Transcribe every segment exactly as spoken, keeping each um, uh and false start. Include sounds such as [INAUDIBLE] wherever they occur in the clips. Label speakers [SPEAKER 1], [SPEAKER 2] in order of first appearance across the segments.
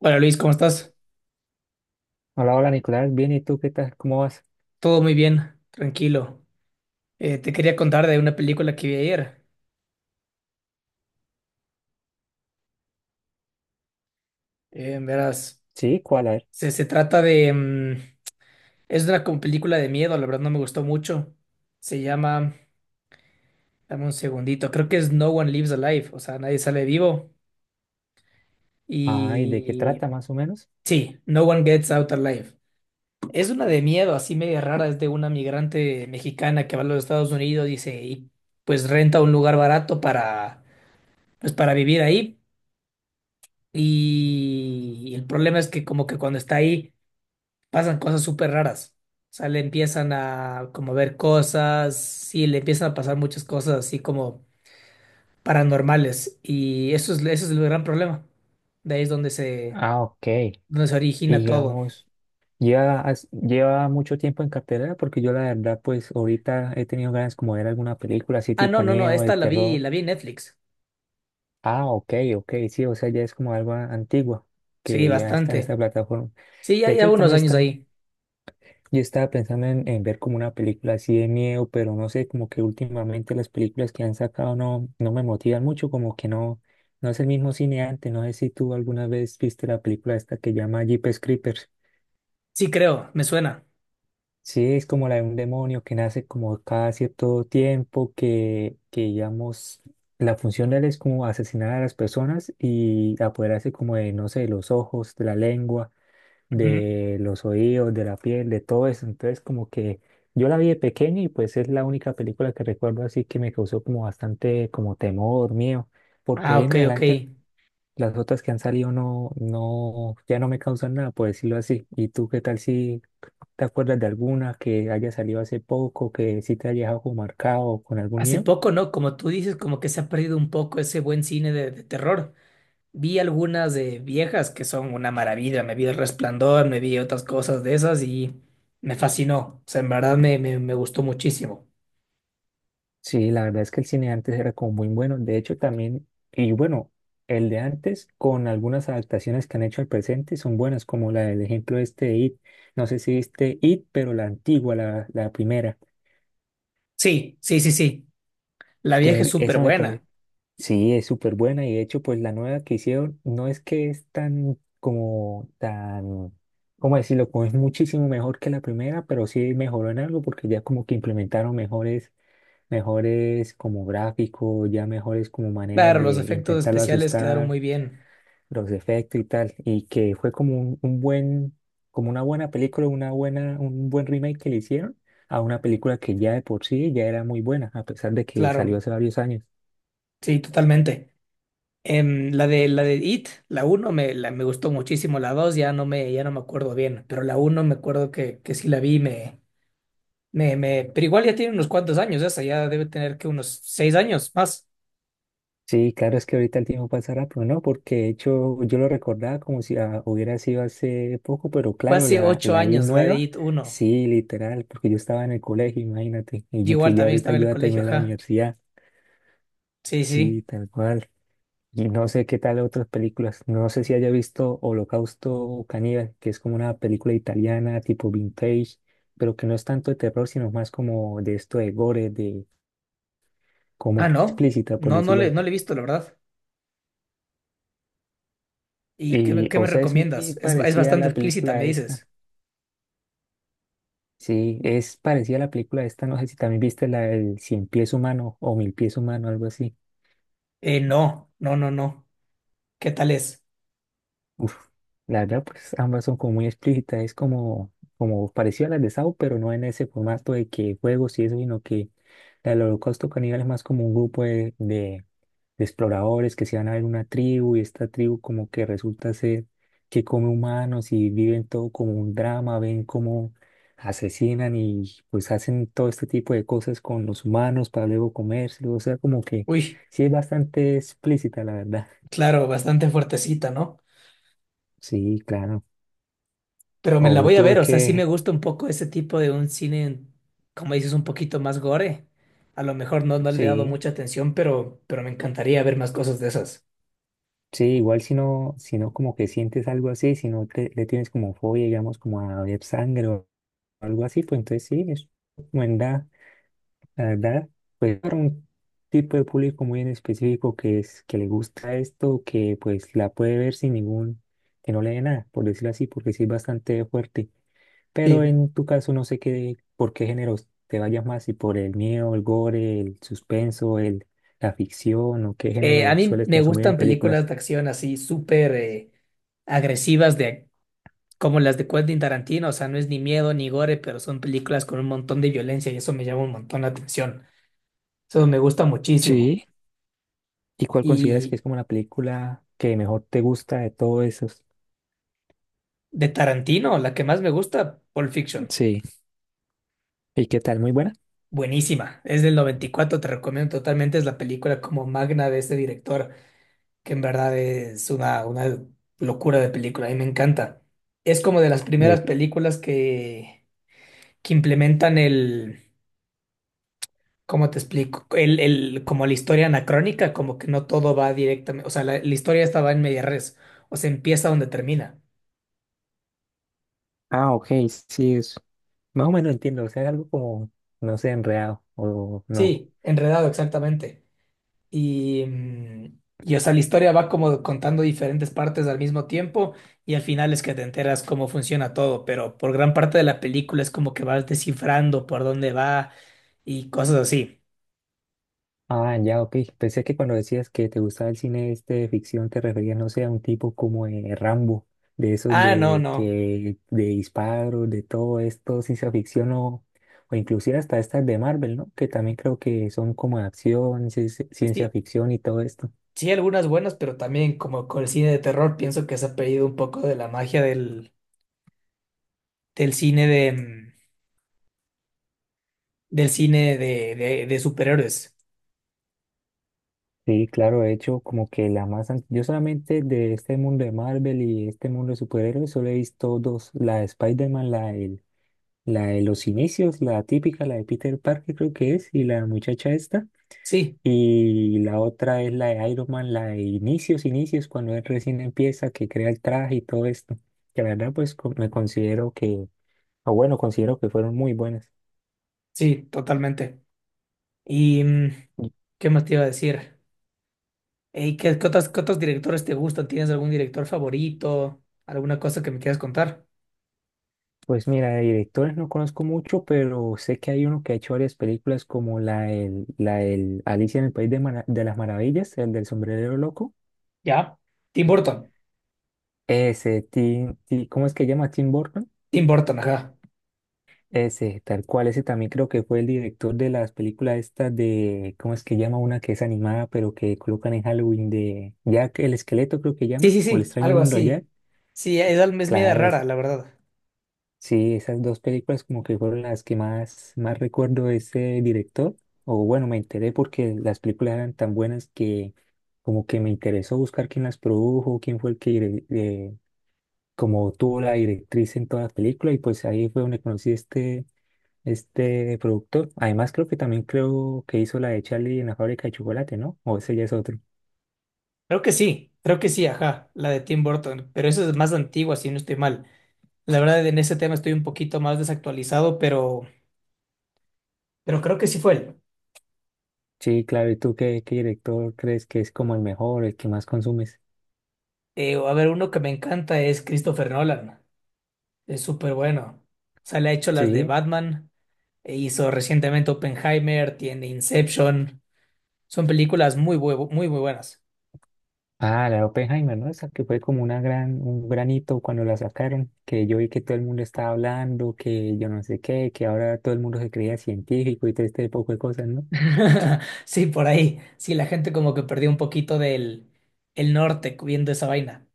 [SPEAKER 1] Hola Luis, ¿cómo estás?
[SPEAKER 2] Hola, hola Nicolás, bien, ¿y tú qué tal? ¿Cómo vas?
[SPEAKER 1] Todo muy bien, tranquilo. Eh, te quería contar de una película que vi ayer. Eh, verás,
[SPEAKER 2] Sí, ¿cuál? A ver.
[SPEAKER 1] se, se trata de... mm, es una como película de miedo, la verdad no me gustó mucho. Se llama... Dame un segundito, creo que es No One Lives Alive, o sea, nadie sale vivo.
[SPEAKER 2] Ay, ¿de qué
[SPEAKER 1] Y...
[SPEAKER 2] trata más o menos?
[SPEAKER 1] Sí, No One Gets Out Alive. Es una de miedo, así media rara, es de una migrante mexicana que va a los Estados Unidos, dice, y pues renta un lugar barato para, pues, para vivir ahí. Y el problema es que como que cuando está ahí pasan cosas súper raras. O sea, le empiezan a como ver cosas, sí, le empiezan a pasar muchas cosas así como paranormales. Y eso es, eso es el gran problema. De ahí es donde se,
[SPEAKER 2] Ah, ok. Y
[SPEAKER 1] Donde se origina todo.
[SPEAKER 2] digamos, lleva, has- lleva mucho tiempo en cartelera porque yo la verdad, pues ahorita he tenido ganas como de ver alguna película así
[SPEAKER 1] Ah, no,
[SPEAKER 2] tipo
[SPEAKER 1] no, no,
[SPEAKER 2] miedo, de
[SPEAKER 1] esta la vi,
[SPEAKER 2] terror.
[SPEAKER 1] la vi en Netflix.
[SPEAKER 2] Ah, ok, ok, sí, o sea, ya es como algo antiguo
[SPEAKER 1] Sí,
[SPEAKER 2] que ya está en esta
[SPEAKER 1] bastante.
[SPEAKER 2] plataforma.
[SPEAKER 1] Sí,
[SPEAKER 2] De
[SPEAKER 1] ya, ya
[SPEAKER 2] hecho,
[SPEAKER 1] unos
[SPEAKER 2] también
[SPEAKER 1] años
[SPEAKER 2] está.
[SPEAKER 1] ahí.
[SPEAKER 2] Yo estaba pensando en, en ver como una película así de miedo, pero no sé, como que últimamente las películas que han sacado no, no me motivan mucho, como que no, no es el mismo cine antes. No sé si tú alguna vez viste la película esta que llama Jeepers Creepers.
[SPEAKER 1] Sí, creo, me suena.
[SPEAKER 2] Sí, es como la de un demonio que nace como cada cierto tiempo, que, que digamos, la función de él es como asesinar a las personas y apoderarse como de, no sé, los ojos, de la lengua,
[SPEAKER 1] Ujú.
[SPEAKER 2] de los oídos, de la piel, de todo eso. Entonces, como que yo la vi de pequeño y pues es la única película que recuerdo así que me causó como bastante como temor, miedo, porque
[SPEAKER 1] Ah,
[SPEAKER 2] ahí en
[SPEAKER 1] ok, ok.
[SPEAKER 2] adelante las otras que han salido no, no, ya no me causan nada, por decirlo así. ¿Y tú qué tal si te acuerdas de alguna que haya salido hace poco, que sí te haya dejado como marcado con algún
[SPEAKER 1] Hace
[SPEAKER 2] miedo?
[SPEAKER 1] poco, ¿no? Como tú dices, como que se ha perdido un poco ese buen cine de de terror. Vi algunas de viejas que son una maravilla. Me vi El Resplandor, me vi otras cosas de esas y me fascinó. O sea, en verdad me, me, me gustó muchísimo.
[SPEAKER 2] Sí, la verdad es que el cine de antes era como muy bueno. De hecho, también, y bueno, el de antes, con algunas adaptaciones que han hecho al presente, son buenas, como la del ejemplo este de este It. No sé si viste It, pero la antigua, la, la primera,
[SPEAKER 1] Sí, sí, sí, sí. La vieja es
[SPEAKER 2] que
[SPEAKER 1] súper
[SPEAKER 2] esa me
[SPEAKER 1] buena.
[SPEAKER 2] parece. Sí, es súper buena. Y de hecho, pues la nueva que hicieron no es que es tan, como, tan, ¿cómo decirlo? Como es muchísimo mejor que la primera, pero sí mejoró en algo porque ya como que implementaron mejores, mejores como gráfico, ya mejores como maneras
[SPEAKER 1] Claro, los
[SPEAKER 2] de
[SPEAKER 1] efectos
[SPEAKER 2] intentarlo
[SPEAKER 1] especiales quedaron
[SPEAKER 2] asustar,
[SPEAKER 1] muy bien.
[SPEAKER 2] los efectos y tal, y que fue como un, un buen, como una buena película, una buena, un buen remake que le hicieron a una película que ya de por sí ya era muy buena, a pesar de que salió
[SPEAKER 1] Claro,
[SPEAKER 2] hace varios años.
[SPEAKER 1] sí, totalmente. Em, la de, la de It, la uno me, la- me gustó muchísimo. La dos ya no me, ya no me acuerdo bien. Pero la uno me acuerdo que, que sí la vi, me, me, me. Pero igual ya tiene unos cuantos años esa, ya debe tener que unos seis años más.
[SPEAKER 2] Sí, claro, es que ahorita el tiempo pasa rápido, ¿no? Porque de hecho yo lo recordaba como si ah, hubiera sido hace poco, pero
[SPEAKER 1] Fue
[SPEAKER 2] claro,
[SPEAKER 1] hace
[SPEAKER 2] la,
[SPEAKER 1] ocho
[SPEAKER 2] la I
[SPEAKER 1] años la de
[SPEAKER 2] nueva,
[SPEAKER 1] I T uno.
[SPEAKER 2] sí, literal, porque yo estaba en el colegio, imagínate, y
[SPEAKER 1] Yo
[SPEAKER 2] yo,
[SPEAKER 1] igual
[SPEAKER 2] pues ya
[SPEAKER 1] también
[SPEAKER 2] ahorita
[SPEAKER 1] estaba en el
[SPEAKER 2] yo ya
[SPEAKER 1] colegio,
[SPEAKER 2] terminé la
[SPEAKER 1] ajá.
[SPEAKER 2] universidad.
[SPEAKER 1] Sí, sí.
[SPEAKER 2] Sí, tal cual. Y no sé qué tal otras películas. No sé si haya visto Holocausto Caníbal, que es como una película italiana tipo vintage, pero que no es tanto de terror, sino más como de esto de gore, de
[SPEAKER 1] Ah,
[SPEAKER 2] como
[SPEAKER 1] no.
[SPEAKER 2] explícita, por
[SPEAKER 1] No, no
[SPEAKER 2] decirlo
[SPEAKER 1] le, no
[SPEAKER 2] así.
[SPEAKER 1] le he visto, la verdad. ¿Y qué, me-
[SPEAKER 2] Y,
[SPEAKER 1] qué me
[SPEAKER 2] o sea, es muy
[SPEAKER 1] recomiendas? Es, es
[SPEAKER 2] parecida a
[SPEAKER 1] bastante
[SPEAKER 2] la
[SPEAKER 1] explícita, me
[SPEAKER 2] película esta.
[SPEAKER 1] dices.
[SPEAKER 2] Sí, es parecida a la película esta. No sé si también viste la del Cien Pies Humano o Mil Pies Humano, algo así.
[SPEAKER 1] Eh, no, no, no, no. ¿Qué tal es?
[SPEAKER 2] Uf, la verdad, pues ambas son como muy explícitas, es como, como parecido a las de Saw, pero no en ese formato de que juegos y eso, sino que la del Holocausto Caníbal es más como un grupo de, de- de exploradores que se van a ver una tribu y esta tribu como que resulta ser que come humanos y viven todo como un drama, ven cómo asesinan y pues hacen todo este tipo de cosas con los humanos para luego comérselos, o sea, como que
[SPEAKER 1] Uy,
[SPEAKER 2] sí es bastante explícita, la verdad.
[SPEAKER 1] claro, bastante fuertecita, ¿no?
[SPEAKER 2] Sí, claro.
[SPEAKER 1] Pero me la
[SPEAKER 2] O
[SPEAKER 1] voy a
[SPEAKER 2] tuve
[SPEAKER 1] ver, o sea, sí me
[SPEAKER 2] que
[SPEAKER 1] gusta un poco ese tipo de un cine, como dices, un poquito más gore. A lo mejor no, no le he dado
[SPEAKER 2] sí,
[SPEAKER 1] mucha atención, pero, pero me encantaría ver más cosas de esas.
[SPEAKER 2] sí, igual si no, si no como que sientes algo así, si no te- le tienes como fobia, digamos, como a ver sangre o algo así, pues entonces sí, es buena, la verdad, pues para un tipo de público muy en específico que es, que le gusta esto, que pues la puede ver sin ningún, que no le dé nada, por decirlo así, porque sí es bastante fuerte. Pero
[SPEAKER 1] Sí.
[SPEAKER 2] en tu caso no sé qué, por qué géneros te vayas más, si por el miedo, el gore, el suspenso, el, la ficción o qué
[SPEAKER 1] Eh, a
[SPEAKER 2] género
[SPEAKER 1] mí
[SPEAKER 2] sueles
[SPEAKER 1] me
[SPEAKER 2] consumir en
[SPEAKER 1] gustan películas
[SPEAKER 2] películas.
[SPEAKER 1] de acción así súper eh, agresivas de como las de Quentin Tarantino, o sea, no es ni miedo ni gore, pero son películas con un montón de violencia y eso me llama un montón la atención. Eso me gusta muchísimo.
[SPEAKER 2] Sí. ¿Y cuál consideras que
[SPEAKER 1] Y
[SPEAKER 2] es como la película que mejor te gusta de todos esos?
[SPEAKER 1] de Tarantino, la que más me gusta, Pulp Fiction.
[SPEAKER 2] Sí. ¿Y qué tal? ¿Muy buena?
[SPEAKER 1] Buenísima. Es del noventa y cuatro, te recomiendo totalmente. Es la película como magna de este director, que en verdad es una, una locura de película. A mí me encanta. Es como de las
[SPEAKER 2] De
[SPEAKER 1] primeras
[SPEAKER 2] que-
[SPEAKER 1] películas que que implementan el, ¿cómo te explico? El, el, como la historia anacrónica, como que no todo va directamente, o sea, la, la historia estaba en media res, o sea, empieza donde termina.
[SPEAKER 2] Ah, ok, sí, es... más o menos entiendo, o sea, es algo como, no sé, enredado o no.
[SPEAKER 1] Sí, enredado, exactamente. Y, mm, y, o sea, la historia va como contando diferentes partes al mismo tiempo y al final es que te enteras cómo funciona todo, pero por gran parte de la película es como que vas descifrando por dónde va y cosas así.
[SPEAKER 2] Ah, ya, ok. Pensé que cuando decías que te gustaba el cine este de ficción te referías, no sé, a un tipo como de Rambo, de esos
[SPEAKER 1] Ah, no,
[SPEAKER 2] de
[SPEAKER 1] no.
[SPEAKER 2] que de disparos, de todo esto, ciencia ficción o, o inclusive hasta estas de Marvel, ¿no? Que también creo que son como de acción, ci- ci- ciencia
[SPEAKER 1] Sí,
[SPEAKER 2] ficción y todo esto.
[SPEAKER 1] sí, algunas buenas, pero también como con el cine de terror pienso que se ha perdido un poco de la magia del, del cine de mm, del cine de, de, de superhéroes.
[SPEAKER 2] Sí, claro, de hecho, como que la más... an- Yo solamente de este mundo de Marvel y este mundo de superhéroes solo he visto dos, la de Spider-Man, la de, la de los inicios, la típica, la de Peter Parker creo que es, y la muchacha esta,
[SPEAKER 1] Sí,
[SPEAKER 2] y la otra es la de Iron Man, la de inicios, inicios, cuando él recién empieza, que crea el traje y todo esto, que la verdad pues co- me considero que, o bueno, considero que fueron muy buenas.
[SPEAKER 1] sí, totalmente. ¿Y mm, qué más te iba a decir? ¿Y qué, qué otros, qué otros directores te gustan? ¿Tienes algún director favorito? ¿Alguna cosa que me quieras contar?
[SPEAKER 2] Pues mira, de directores no conozco mucho, pero sé que hay uno que ha hecho varias películas como la el la del Alicia en el País de, Mara- de las Maravillas, el del sombrerero loco.
[SPEAKER 1] ¿Ya? Tim Burton.
[SPEAKER 2] Ese, Tim, Ti- ¿cómo es que llama? Tim Burton.
[SPEAKER 1] Tim Burton, ajá.
[SPEAKER 2] Ese, tal cual, ese también creo que fue el director de las películas estas de, ¿cómo es que llama? Una que es animada, pero que colocan en Halloween de Jack el Esqueleto, creo que
[SPEAKER 1] Sí,
[SPEAKER 2] llama,
[SPEAKER 1] sí,
[SPEAKER 2] o el
[SPEAKER 1] sí,
[SPEAKER 2] extraño
[SPEAKER 1] algo
[SPEAKER 2] mundo de Jack.
[SPEAKER 1] así. Sí, es, al- es media
[SPEAKER 2] Claro, es-
[SPEAKER 1] rara, la verdad.
[SPEAKER 2] Sí, esas dos películas como que fueron las que más, más recuerdo de ese director. O bueno, me enteré porque las películas eran tan buenas que como que me interesó buscar quién las produjo, quién fue el que dire- eh, como tuvo la directriz en toda la película y pues ahí fue donde conocí este, este productor. Además creo que también creo que hizo la de Charlie en la fábrica de chocolate, ¿no? O ese ya es otro.
[SPEAKER 1] Creo que sí, creo que sí, ajá, la de Tim Burton, pero esa es más antigua, si no estoy mal. La verdad, en ese tema estoy un poquito más desactualizado, pero, pero creo que sí fue él.
[SPEAKER 2] Sí, claro, ¿y tú qué, qué director crees que es como el mejor, el que más consumes?
[SPEAKER 1] Eh, a ver, uno que me encanta es Christopher Nolan. Es súper bueno. O sea, le ha hecho las de
[SPEAKER 2] Sí.
[SPEAKER 1] Batman, e hizo recientemente Oppenheimer, tiene Inception. Son películas muy, bue- muy, muy buenas.
[SPEAKER 2] Ah, la de Oppenheimer, ¿no? Esa que fue como una gran, un granito cuando la sacaron, que yo vi que todo el mundo estaba hablando, que yo no sé qué, que ahora todo el mundo se creía científico y todo este poco de cosas, ¿no?
[SPEAKER 1] [LAUGHS] Sí, por ahí. Sí, la gente como que perdió un poquito del el norte viendo esa vaina.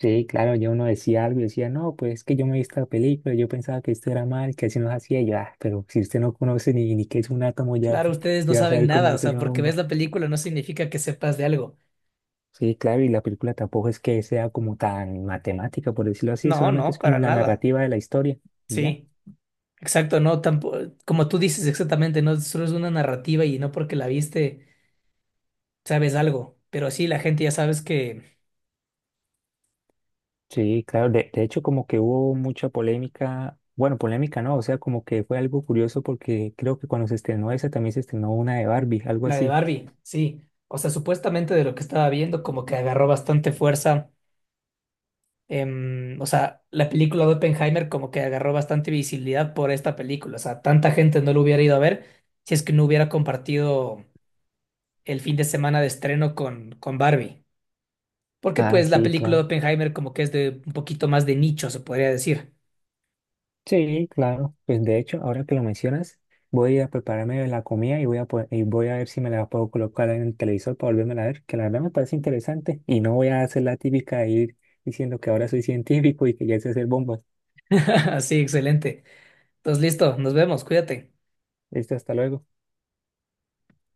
[SPEAKER 2] Sí, claro, yo uno decía algo y decía, no, pues es que yo me vi esta película, yo pensaba que esto era mal, que así nos hacía, y yo, ah, pero si usted no conoce ni, ni qué es un átomo, ya,
[SPEAKER 1] Claro, ustedes no
[SPEAKER 2] ya va a
[SPEAKER 1] saben
[SPEAKER 2] saber cómo
[SPEAKER 1] nada, o
[SPEAKER 2] hacer
[SPEAKER 1] sea,
[SPEAKER 2] una
[SPEAKER 1] porque ves
[SPEAKER 2] bomba.
[SPEAKER 1] la película no significa que sepas de algo.
[SPEAKER 2] Sí, claro, y la película tampoco es que sea como tan matemática, por decirlo así,
[SPEAKER 1] No,
[SPEAKER 2] solamente es
[SPEAKER 1] no, para
[SPEAKER 2] como la
[SPEAKER 1] nada.
[SPEAKER 2] narrativa de la historia. Y ya.
[SPEAKER 1] Sí. Exacto, no, tampoco, como tú dices exactamente, no solo es una narrativa y no porque la viste sabes algo, pero sí la gente ya sabes que
[SPEAKER 2] Sí, claro, de, de hecho como que hubo mucha polémica, bueno, polémica no, o sea, como que fue algo curioso porque creo que cuando se estrenó esa también se estrenó una de Barbie, algo
[SPEAKER 1] la de
[SPEAKER 2] así.
[SPEAKER 1] Barbie, sí, o sea, supuestamente de lo que estaba viendo como que agarró bastante fuerza, em, o sea, la película de Oppenheimer como que agarró bastante visibilidad por esta película, o sea, tanta gente no lo hubiera ido a ver si es que no hubiera compartido el fin de semana de estreno con, con Barbie, porque
[SPEAKER 2] Ah,
[SPEAKER 1] pues la
[SPEAKER 2] sí,
[SPEAKER 1] película de
[SPEAKER 2] claro.
[SPEAKER 1] Oppenheimer como que es de un poquito más de nicho, se podría decir.
[SPEAKER 2] Sí, claro. Pues de hecho, ahora que lo mencionas, voy a prepararme la comida y voy a, po- y voy a ver si me la puedo colocar en el televisor para volverme a ver, que la verdad me parece interesante y no voy a hacer la típica de ir diciendo que ahora soy científico y que ya sé hacer bombas.
[SPEAKER 1] [LAUGHS] Sí, excelente. Entonces, listo, nos vemos, cuídate.
[SPEAKER 2] Listo, hasta luego.